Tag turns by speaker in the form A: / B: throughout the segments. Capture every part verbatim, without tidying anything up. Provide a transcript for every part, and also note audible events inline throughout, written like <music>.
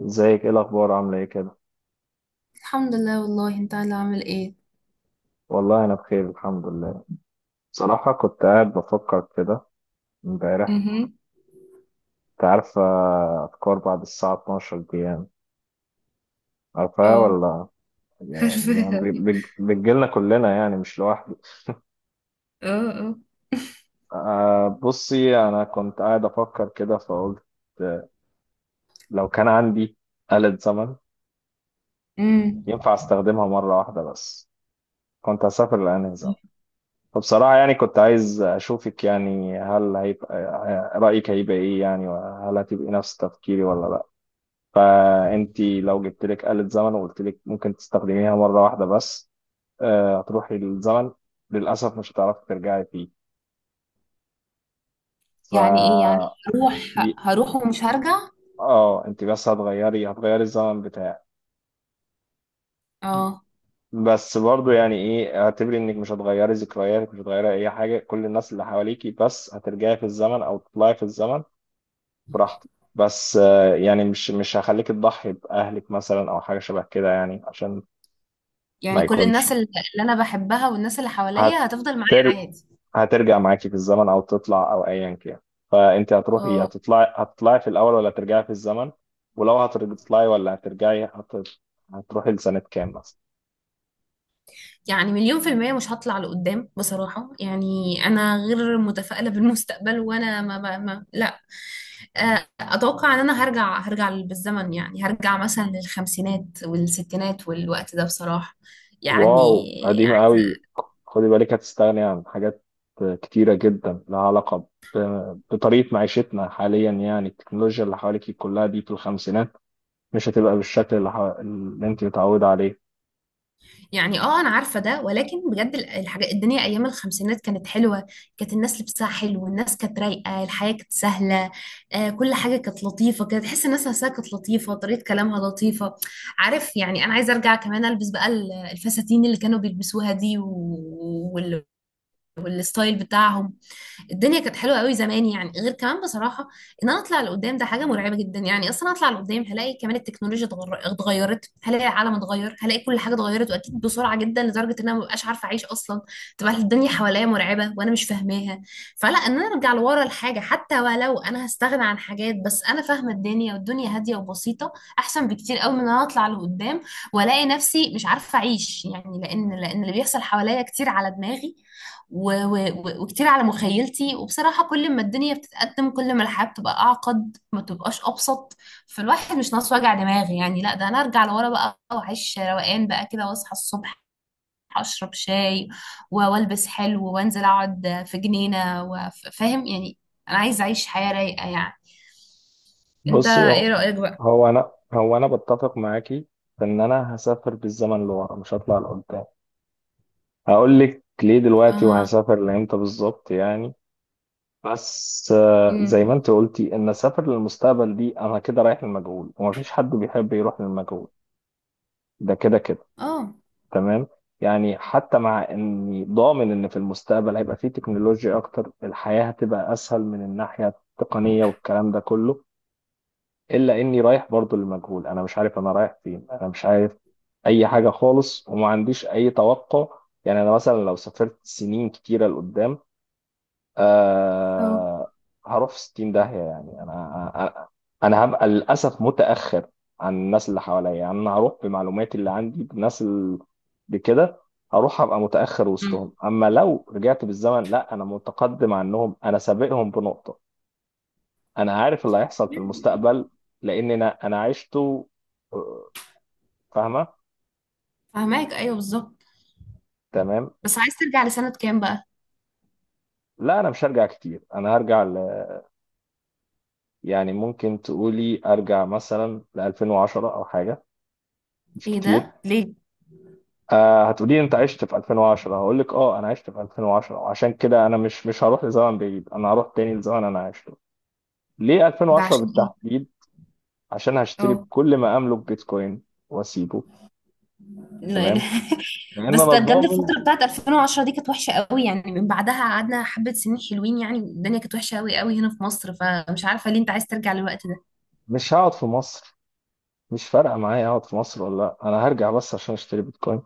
A: ازيك، ايه الاخبار، عامله ايه كده؟
B: الحمد لله. والله انت اللي عامل ايه؟
A: والله انا بخير الحمد لله. بصراحه كنت قاعد بفكر كده امبارح.
B: امم
A: انت عارفه افكار بعد الساعه اثناشر دي يعني، عارفاها
B: اه.
A: ولا؟
B: <laughs>
A: يعني
B: عارفاها.
A: بتج- بتجيلنا كلنا يعني مش لوحدي.
B: اه اه.
A: أه بصي، انا كنت قاعد افكر كده فقلت لو كان عندي آلة زمن
B: امم
A: ينفع استخدمها مره واحده بس، كنت هسافر لأنهي زمن؟ فبصراحة يعني كنت عايز أشوفك، يعني هل هيبقى رأيك هيبقى إيه يعني، وهل هتبقي نفس تفكيري ولا لأ؟ فأنتي لو جبت لك آلة زمن وقلت لك ممكن تستخدميها مرة واحدة بس، آه، هتروحي للزمن، للأسف مش هتعرفي ترجعي فيه. ف
B: يعني ايه يعني؟ هروح
A: ي-
B: هروح ومش هرجع.
A: اه انت بس هتغيري، هتغيري الزمن بتاعك.
B: اه،
A: بس برضه يعني ايه، اعتبري انك مش هتغيري ذكرياتك، مش هتغيري اي حاجه، كل الناس اللي حواليكي، بس هترجعي في الزمن او تطلعي في الزمن براحتك. بس آه، يعني مش مش هخليك تضحي بأهلك مثلا أو حاجة شبه كده يعني، عشان ما
B: يعني كل
A: يكونش.
B: الناس اللي اللي انا بحبها والناس اللي حواليا هتفضل معايا
A: هتر...
B: عادي.
A: هترجع معاكي في الزمن أو تطلع أو أيا كان. فأنت هتروحي،
B: اه،
A: هتطلعي هتطلعي في الأول ولا ترجعي في الزمن؟ ولو هتطلعي ولا هترجعي هت... هتروحي لسنة كام مثلا؟
B: يعني مليون في المية مش هطلع لقدام بصراحة يعني. أنا غير متفائلة بالمستقبل، وأنا ما, ما, ما لا، آه، أتوقع إن أنا هرجع هرجع بالزمن. يعني هرجع مثلا للخمسينات والستينات والوقت ده بصراحة
A: واو،
B: يعني.
A: قديمة قوي. خدي بالك هتستغني عن حاجات كتيرة جدا لها علاقة ب... بطريقة معيشتنا حاليا. يعني التكنولوجيا اللي حواليك كلها دي، في الخمسينات مش هتبقى بالشكل اللي, ح... اللي انت متعودة عليه.
B: يعني اه، انا عارفه ده، ولكن بجد ال- الحاجه، الدنيا ايام الخمسينات كانت حلوه. كانت الناس لبسها حلو، والناس كانت رايقه، الحياه كانت سهله. آه، كل حاجه كانت لطيفه. كانت تحس الناس نفسها كانت لطيفه، طريقه كلامها لطيفه. عارف يعني انا عايزه ارجع كمان البس بقى ال- الفساتين اللي كانوا بيلبسوها دي، و... وال... والستايل بتاعهم. الدنيا كانت حلوه قوي زمان، يعني غير كمان بصراحه. ان انا اطلع لقدام ده حاجه مرعبه جدا يعني. اصلا اطلع لقدام هلاقي كمان التكنولوجيا اتغر- اتغيرت، هلاقي العالم اتغير، هلاقي كل حاجه اتغيرت، واكيد بسرعه جدا لدرجه ان انا مبقاش عارفه اعيش اصلا. تبقى الدنيا حواليا مرعبه وانا مش فاهماها. فلا، ان انا ارجع لورا الحاجه، حتى ولو انا هستغنى عن حاجات، بس انا فاهمه الدنيا والدنيا هاديه وبسيطه، احسن بكتير قوي من ان انا اطلع لقدام والاقي نفسي مش عارفه اعيش يعني. لان لان اللي بيحصل حواليا كتير على دماغي، و... و... و- وكتير على مخيلتي. وبصراحة كل ما الدنيا بتتقدم، كل ما الحياة بتبقى أعقد، ما بتبقاش أبسط. فالواحد مش ناقص وجع دماغ يعني. لا ده أنا أرجع لورا بقى وأعيش روقان بقى كده، وأصحى الصبح أشرب شاي، و- وألبس حلو، وأنزل أقعد في جنينة، وف- فاهم يعني. أنا عايزة أعيش حياة رايقة يعني. أنت
A: بصي،
B: إيه
A: هو
B: رأيك بقى؟
A: هو انا هو انا بتفق معاكي ان انا هسافر بالزمن لورا، مش هطلع لقدام. هقول لك ليه دلوقتي،
B: آه.
A: وهسافر لامتى بالظبط يعني. بس آه، زي
B: أمم.
A: ما انت قلتي، ان اسافر للمستقبل دي انا كده رايح للمجهول، ومفيش حد بيحب يروح للمجهول. ده كده كده.
B: آه.
A: تمام. يعني حتى مع اني ضامن ان في المستقبل هيبقى فيه تكنولوجيا اكتر، الحياة هتبقى اسهل من الناحية التقنية والكلام ده كله، الا اني رايح برضو للمجهول. انا مش عارف انا رايح فين، انا مش عارف اي حاجه خالص، وما عنديش اي توقع. يعني انا مثلا لو سافرت سنين كتيره لقدام،
B: اه.
A: آه، هروح في ستين داهيه يعني. انا انا أنا هبقى للاسف متاخر عن الناس اللي حواليا. يعني انا هروح بمعلوماتي اللي عندي بالناس اللي بكده، هروح هبقى متاخر
B: أمم.
A: وسطهم. اما لو رجعت بالزمن، لا، انا متقدم عنهم، انا سابقهم بنقطه. انا عارف اللي هيحصل في المستقبل، لان انا انا عشته. آه، فاهمه.
B: فهماك، أيوه بالظبط.
A: تمام.
B: بس عايز ترجع لسنة كام بقى؟
A: لا انا مش هرجع كتير، انا هرجع ل... يعني ممكن تقولي ارجع مثلا ل ألفين وعشرة او حاجه، مش
B: إيه
A: كتير.
B: ده؟ ليه؟
A: آه، هتقولي انت عشت في ألفين وعشرة؟ هقول لك اه، انا عشت في ألفين وعشرة، وعشان كده انا مش مش هروح لزمن بعيد، انا هروح تاني لزمن انا عشته. ليه
B: ده
A: ألفين وعشرة
B: عشان إيه؟
A: بالتحديد؟ عشان هشتري
B: اه.
A: بكل ما املك بيتكوين واسيبه.
B: لا- لا.
A: تمام، لان
B: <laughs> بس
A: انا
B: ده بجد
A: ضامن
B: الفترة بتاعت ألفين وعشرة دي كانت وحشة قوي يعني. من بعدها قعدنا حبة سنين حلوين يعني، الدنيا كانت وحشة قوي قوي هنا في مصر، فمش عارفة ليه انت عايز ترجع للوقت ده.
A: مش هقعد في مصر، مش فارقه معايا اقعد في مصر ولا لا، انا هرجع بس عشان اشتري بيتكوين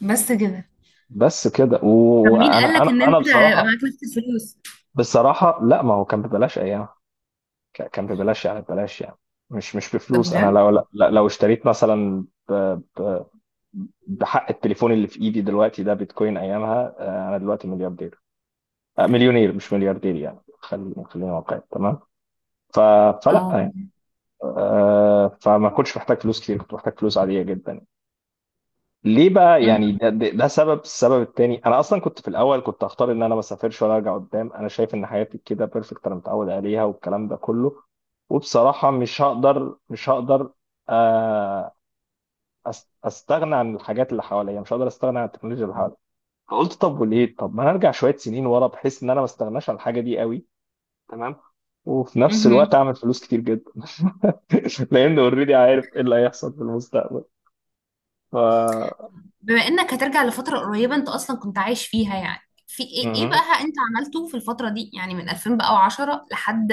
B: بس كده؟
A: بس كده.
B: طب مين
A: وانا
B: قالك
A: انا
B: ان
A: انا
B: انت هيبقى
A: بصراحه.
B: معاك نفس الفلوس؟
A: بصراحه لا، ما هو كان ببلاش ايام، ك- كان ببلاش يعني، ببلاش يعني مش مش
B: ده
A: بفلوس. انا
B: بجد؟
A: لو لا- لو اشتريت مثلا ب- ب- بحق التليفون اللي في ايدي دلوقتي ده بيتكوين ايامها، آه، انا دلوقتي ملياردير. آه، مليونير مش ملياردير يعني، خلينا خلينا واقعي. تمام. ف- فلا
B: اه.
A: يعني، آه، فما كنتش محتاج فلوس كتير، كنت محتاج فلوس عاديه جدا. ليه بقى
B: مهم.
A: يعني، ده, ده, ده سبب. السبب التاني، انا اصلا كنت في الاول كنت هختار ان انا ما اسافرش ولا ارجع قدام، انا شايف ان حياتي كده بيرفكت، انا متعود عليها والكلام ده كله. وبصراحه مش هقدر مش هقدر، آه، أس- استغنى عن الحاجات اللي حواليا، مش هقدر استغنى عن التكنولوجيا اللي حواليا. فقلت طب وليه، طب ما انا ارجع شويه سنين ورا، بحيث ان انا ما استغناش عن الحاجه دي قوي. تمام. وفي نفس الوقت
B: مهم.
A: اعمل فلوس كتير جدا <laughs> لان اوريدي عارف ايه اللي هيحصل في المستقبل. ف
B: بما انك هترجع لفترة قريبة انت اصلا كنت عايش فيها يعني، في ايه، ايه بقى انت عملته في الفترة دي يعني من ألفين وعشرة لحد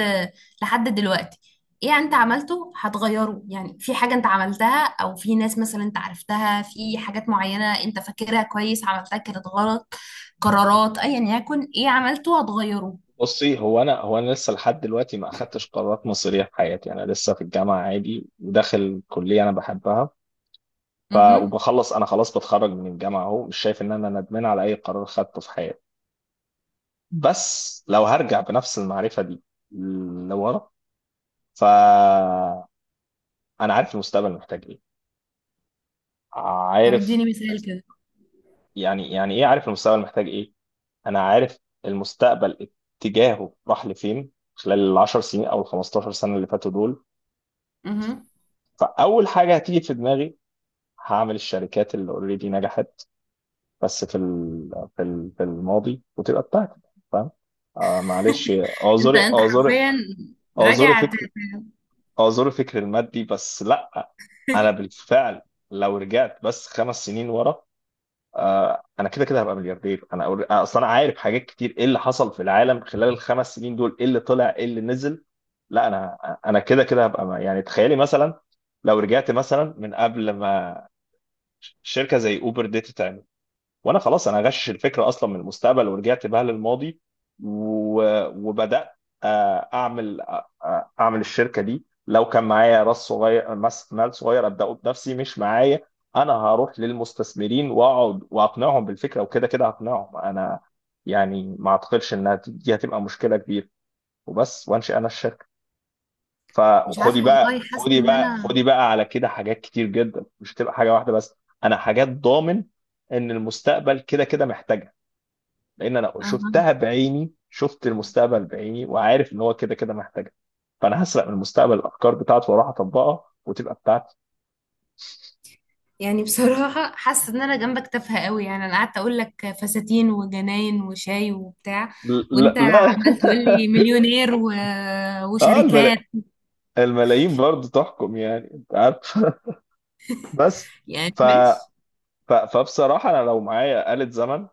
B: لحد دلوقتي؟ ايه انت عملته هتغيره؟ يعني في حاجة انت عملتها او في ناس مثلا انت عرفتها، في حاجات معينة انت فاكرها كويس عملتها كانت غلط؟ قرارات، ايا يكن ايه عملته هتغيره؟
A: بصي، هو انا هو انا لسه لحد دلوقتي ما اخدتش قرارات مصيريه في حياتي، انا لسه في الجامعه عادي، وداخل كليه انا بحبها. ف
B: اها.
A: وبخلص، انا خلاص بتخرج من الجامعه اهو. مش شايف ان انا ندمان على اي قرار خدته في حياتي. بس لو هرجع بنفس المعرفه دي لورا، ف انا عارف المستقبل محتاج ايه.
B: طب
A: عارف
B: اديني مثال كده.
A: يعني، يعني ايه عارف المستقبل محتاج ايه؟ انا عارف المستقبل اتجاهه راح لفين خلال العشر سنين او ال خمسة عشر سنه اللي فاتوا دول.
B: اها.
A: فاول حاجه هتيجي في دماغي، هعمل الشركات اللي اوريدي نجحت بس في ال- في ال- في الماضي، وتبقى بتاعتي. فاهم؟ آه معلش،
B: انت
A: اعذري
B: انت
A: اعذري
B: حرفيا
A: اعذري
B: راجع ت-
A: فكر،
B: ت-
A: اعذري فكر المادي، بس لا، انا بالفعل لو رجعت بس خمس سنين ورا، آه انا كده كده هبقى ملياردير. انا أور- آه، اصلا انا عارف حاجات كتير، ايه اللي حصل في العالم خلال الخمس سنين دول، ايه اللي طلع ايه اللي نزل. لا انا انا كده كده هبقى م- يعني تخيلي مثلا لو رجعت مثلا من قبل ما ش- شركه زي اوبر دي تتعمل، وانا خلاص انا غشش الفكره اصلا من المستقبل ورجعت بها للماضي، و- وبدات آه، اعمل آه، آه، اعمل الشركه دي. لو كان معايا راس صغير، مس- مال صغير، ابداه بنفسي. مش معايا، انا هروح للمستثمرين واقعد واقنعهم بالفكره، وكده كده هقنعهم انا يعني، ما اعتقدش انها ت- دي هتبقى مشكله كبيره. وبس، وانشئ انا الشركه.
B: مش عارفة
A: فخدي بقى،
B: والله، حاسة
A: خدي
B: ان
A: بقى
B: انا،
A: خدي بقى على كده حاجات كتير جدا، مش هتبقى حاجه واحده بس. انا حاجات ضامن ان المستقبل كده كده محتاجها، لان انا
B: اها،
A: شفتها بعيني، شفت المستقبل بعيني، وعارف ان هو كده كده محتاجها. فانا هسرق من المستقبل الافكار بتاعته واروح اطبقها وتبقى بتاعتي.
B: يعني بصراحة حاسة ان انا جنبك تافهة قوي يعني. انا قعدت اقول لك فساتين وجناين وشاي وبتاع،
A: لا
B: وانت
A: لا
B: عمال تقول
A: <laughs>
B: لي مليونير و...
A: اه
B: وشركات.
A: الملا... الملايين برضه تحكم يعني، انت عارف. <laughs> بس.
B: يعني
A: ف...
B: ماشي.
A: ف... فبصراحه انا لو معايا آلة زمن،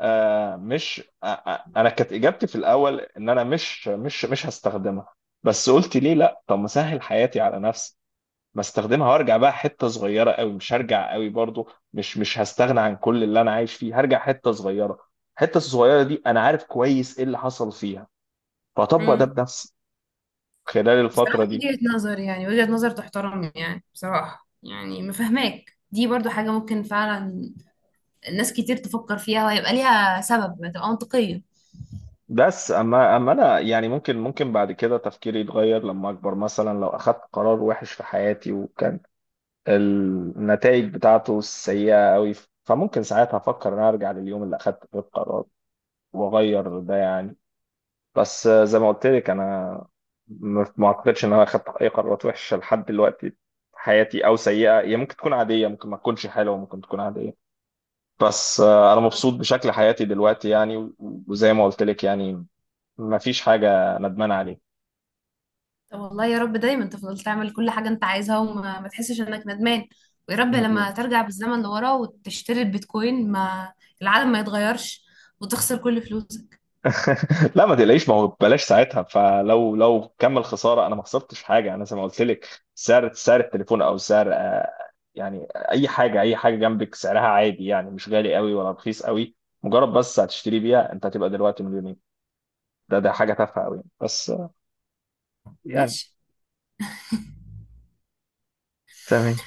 A: آه مش آه آه، انا كانت اجابتي في الاول ان انا مش مش مش هستخدمها. بس قلت ليه لا، طب ما اسهل حياتي على نفسي، بستخدمها وارجع بقى حته صغيره قوي، مش هرجع قوي برضو، مش مش هستغنى عن كل اللي انا عايش فيه، هرجع حته صغيره. الحته الصغيره دي انا عارف كويس ايه اللي حصل فيها، فاطبق ده
B: امم.
A: بنفسي خلال الفتره
B: بصراحة
A: دي.
B: وجهة نظر، يعني وجهة نظر تحترم يعني. بصراحة يعني مفهماك، دي برضو حاجة ممكن فعلا ناس كتير تفكر فيها وهيبقى ليها سبب، هتبقى منطقية.
A: بس اما اما انا يعني، ممكن ممكن بعد كده تفكيري يتغير، لما اكبر مثلا لو اخدت قرار وحش في حياتي، وكان النتائج بتاعته سيئه قوي، فممكن ساعتها افكر ان أنا ارجع لليوم اللي اخدت فيه القرار واغير ده يعني. بس آه، زي ما قلت لك، انا ما ما اعتقدش ان انا اخدت اي قرارات وحشه لحد دلوقتي في حياتي او سيئه. هي ممكن تكون عاديه، ممكن ما تكونش حلوه، ممكن تكون عاديه. بس آه، انا مبسوط بشكل حياتي دلوقتي يعني. و- وزي ما قلت لك يعني، ما فيش حاجه ندمان عليها.
B: طب والله يا رب دايما تفضل تعمل كل حاجة انت عايزها، وما ما تحسش انك ندمان. ويا رب لما
A: <laughs>
B: ترجع بالزمن لورا وتشتري البيتكوين ما العالم ما يتغيرش وتخسر كل فلوسك.
A: <laughs> لا ما تقلقيش، ما هو بلاش ساعتها، فلو لو كمل خساره انا ما خسرتش حاجه. انا زي ما قلت لك، سعر سعر التليفون او سعر، آه، يعني اي حاجه، اي حاجه جنبك سعرها عادي يعني، مش غالي قوي ولا رخيص قوي، مجرد بس هتشتري بيها انت هتبقى دلوقتي مليونير. ده ده حاجه تافهه قوي، بس آه، يعني.
B: ماشي.
A: تمام.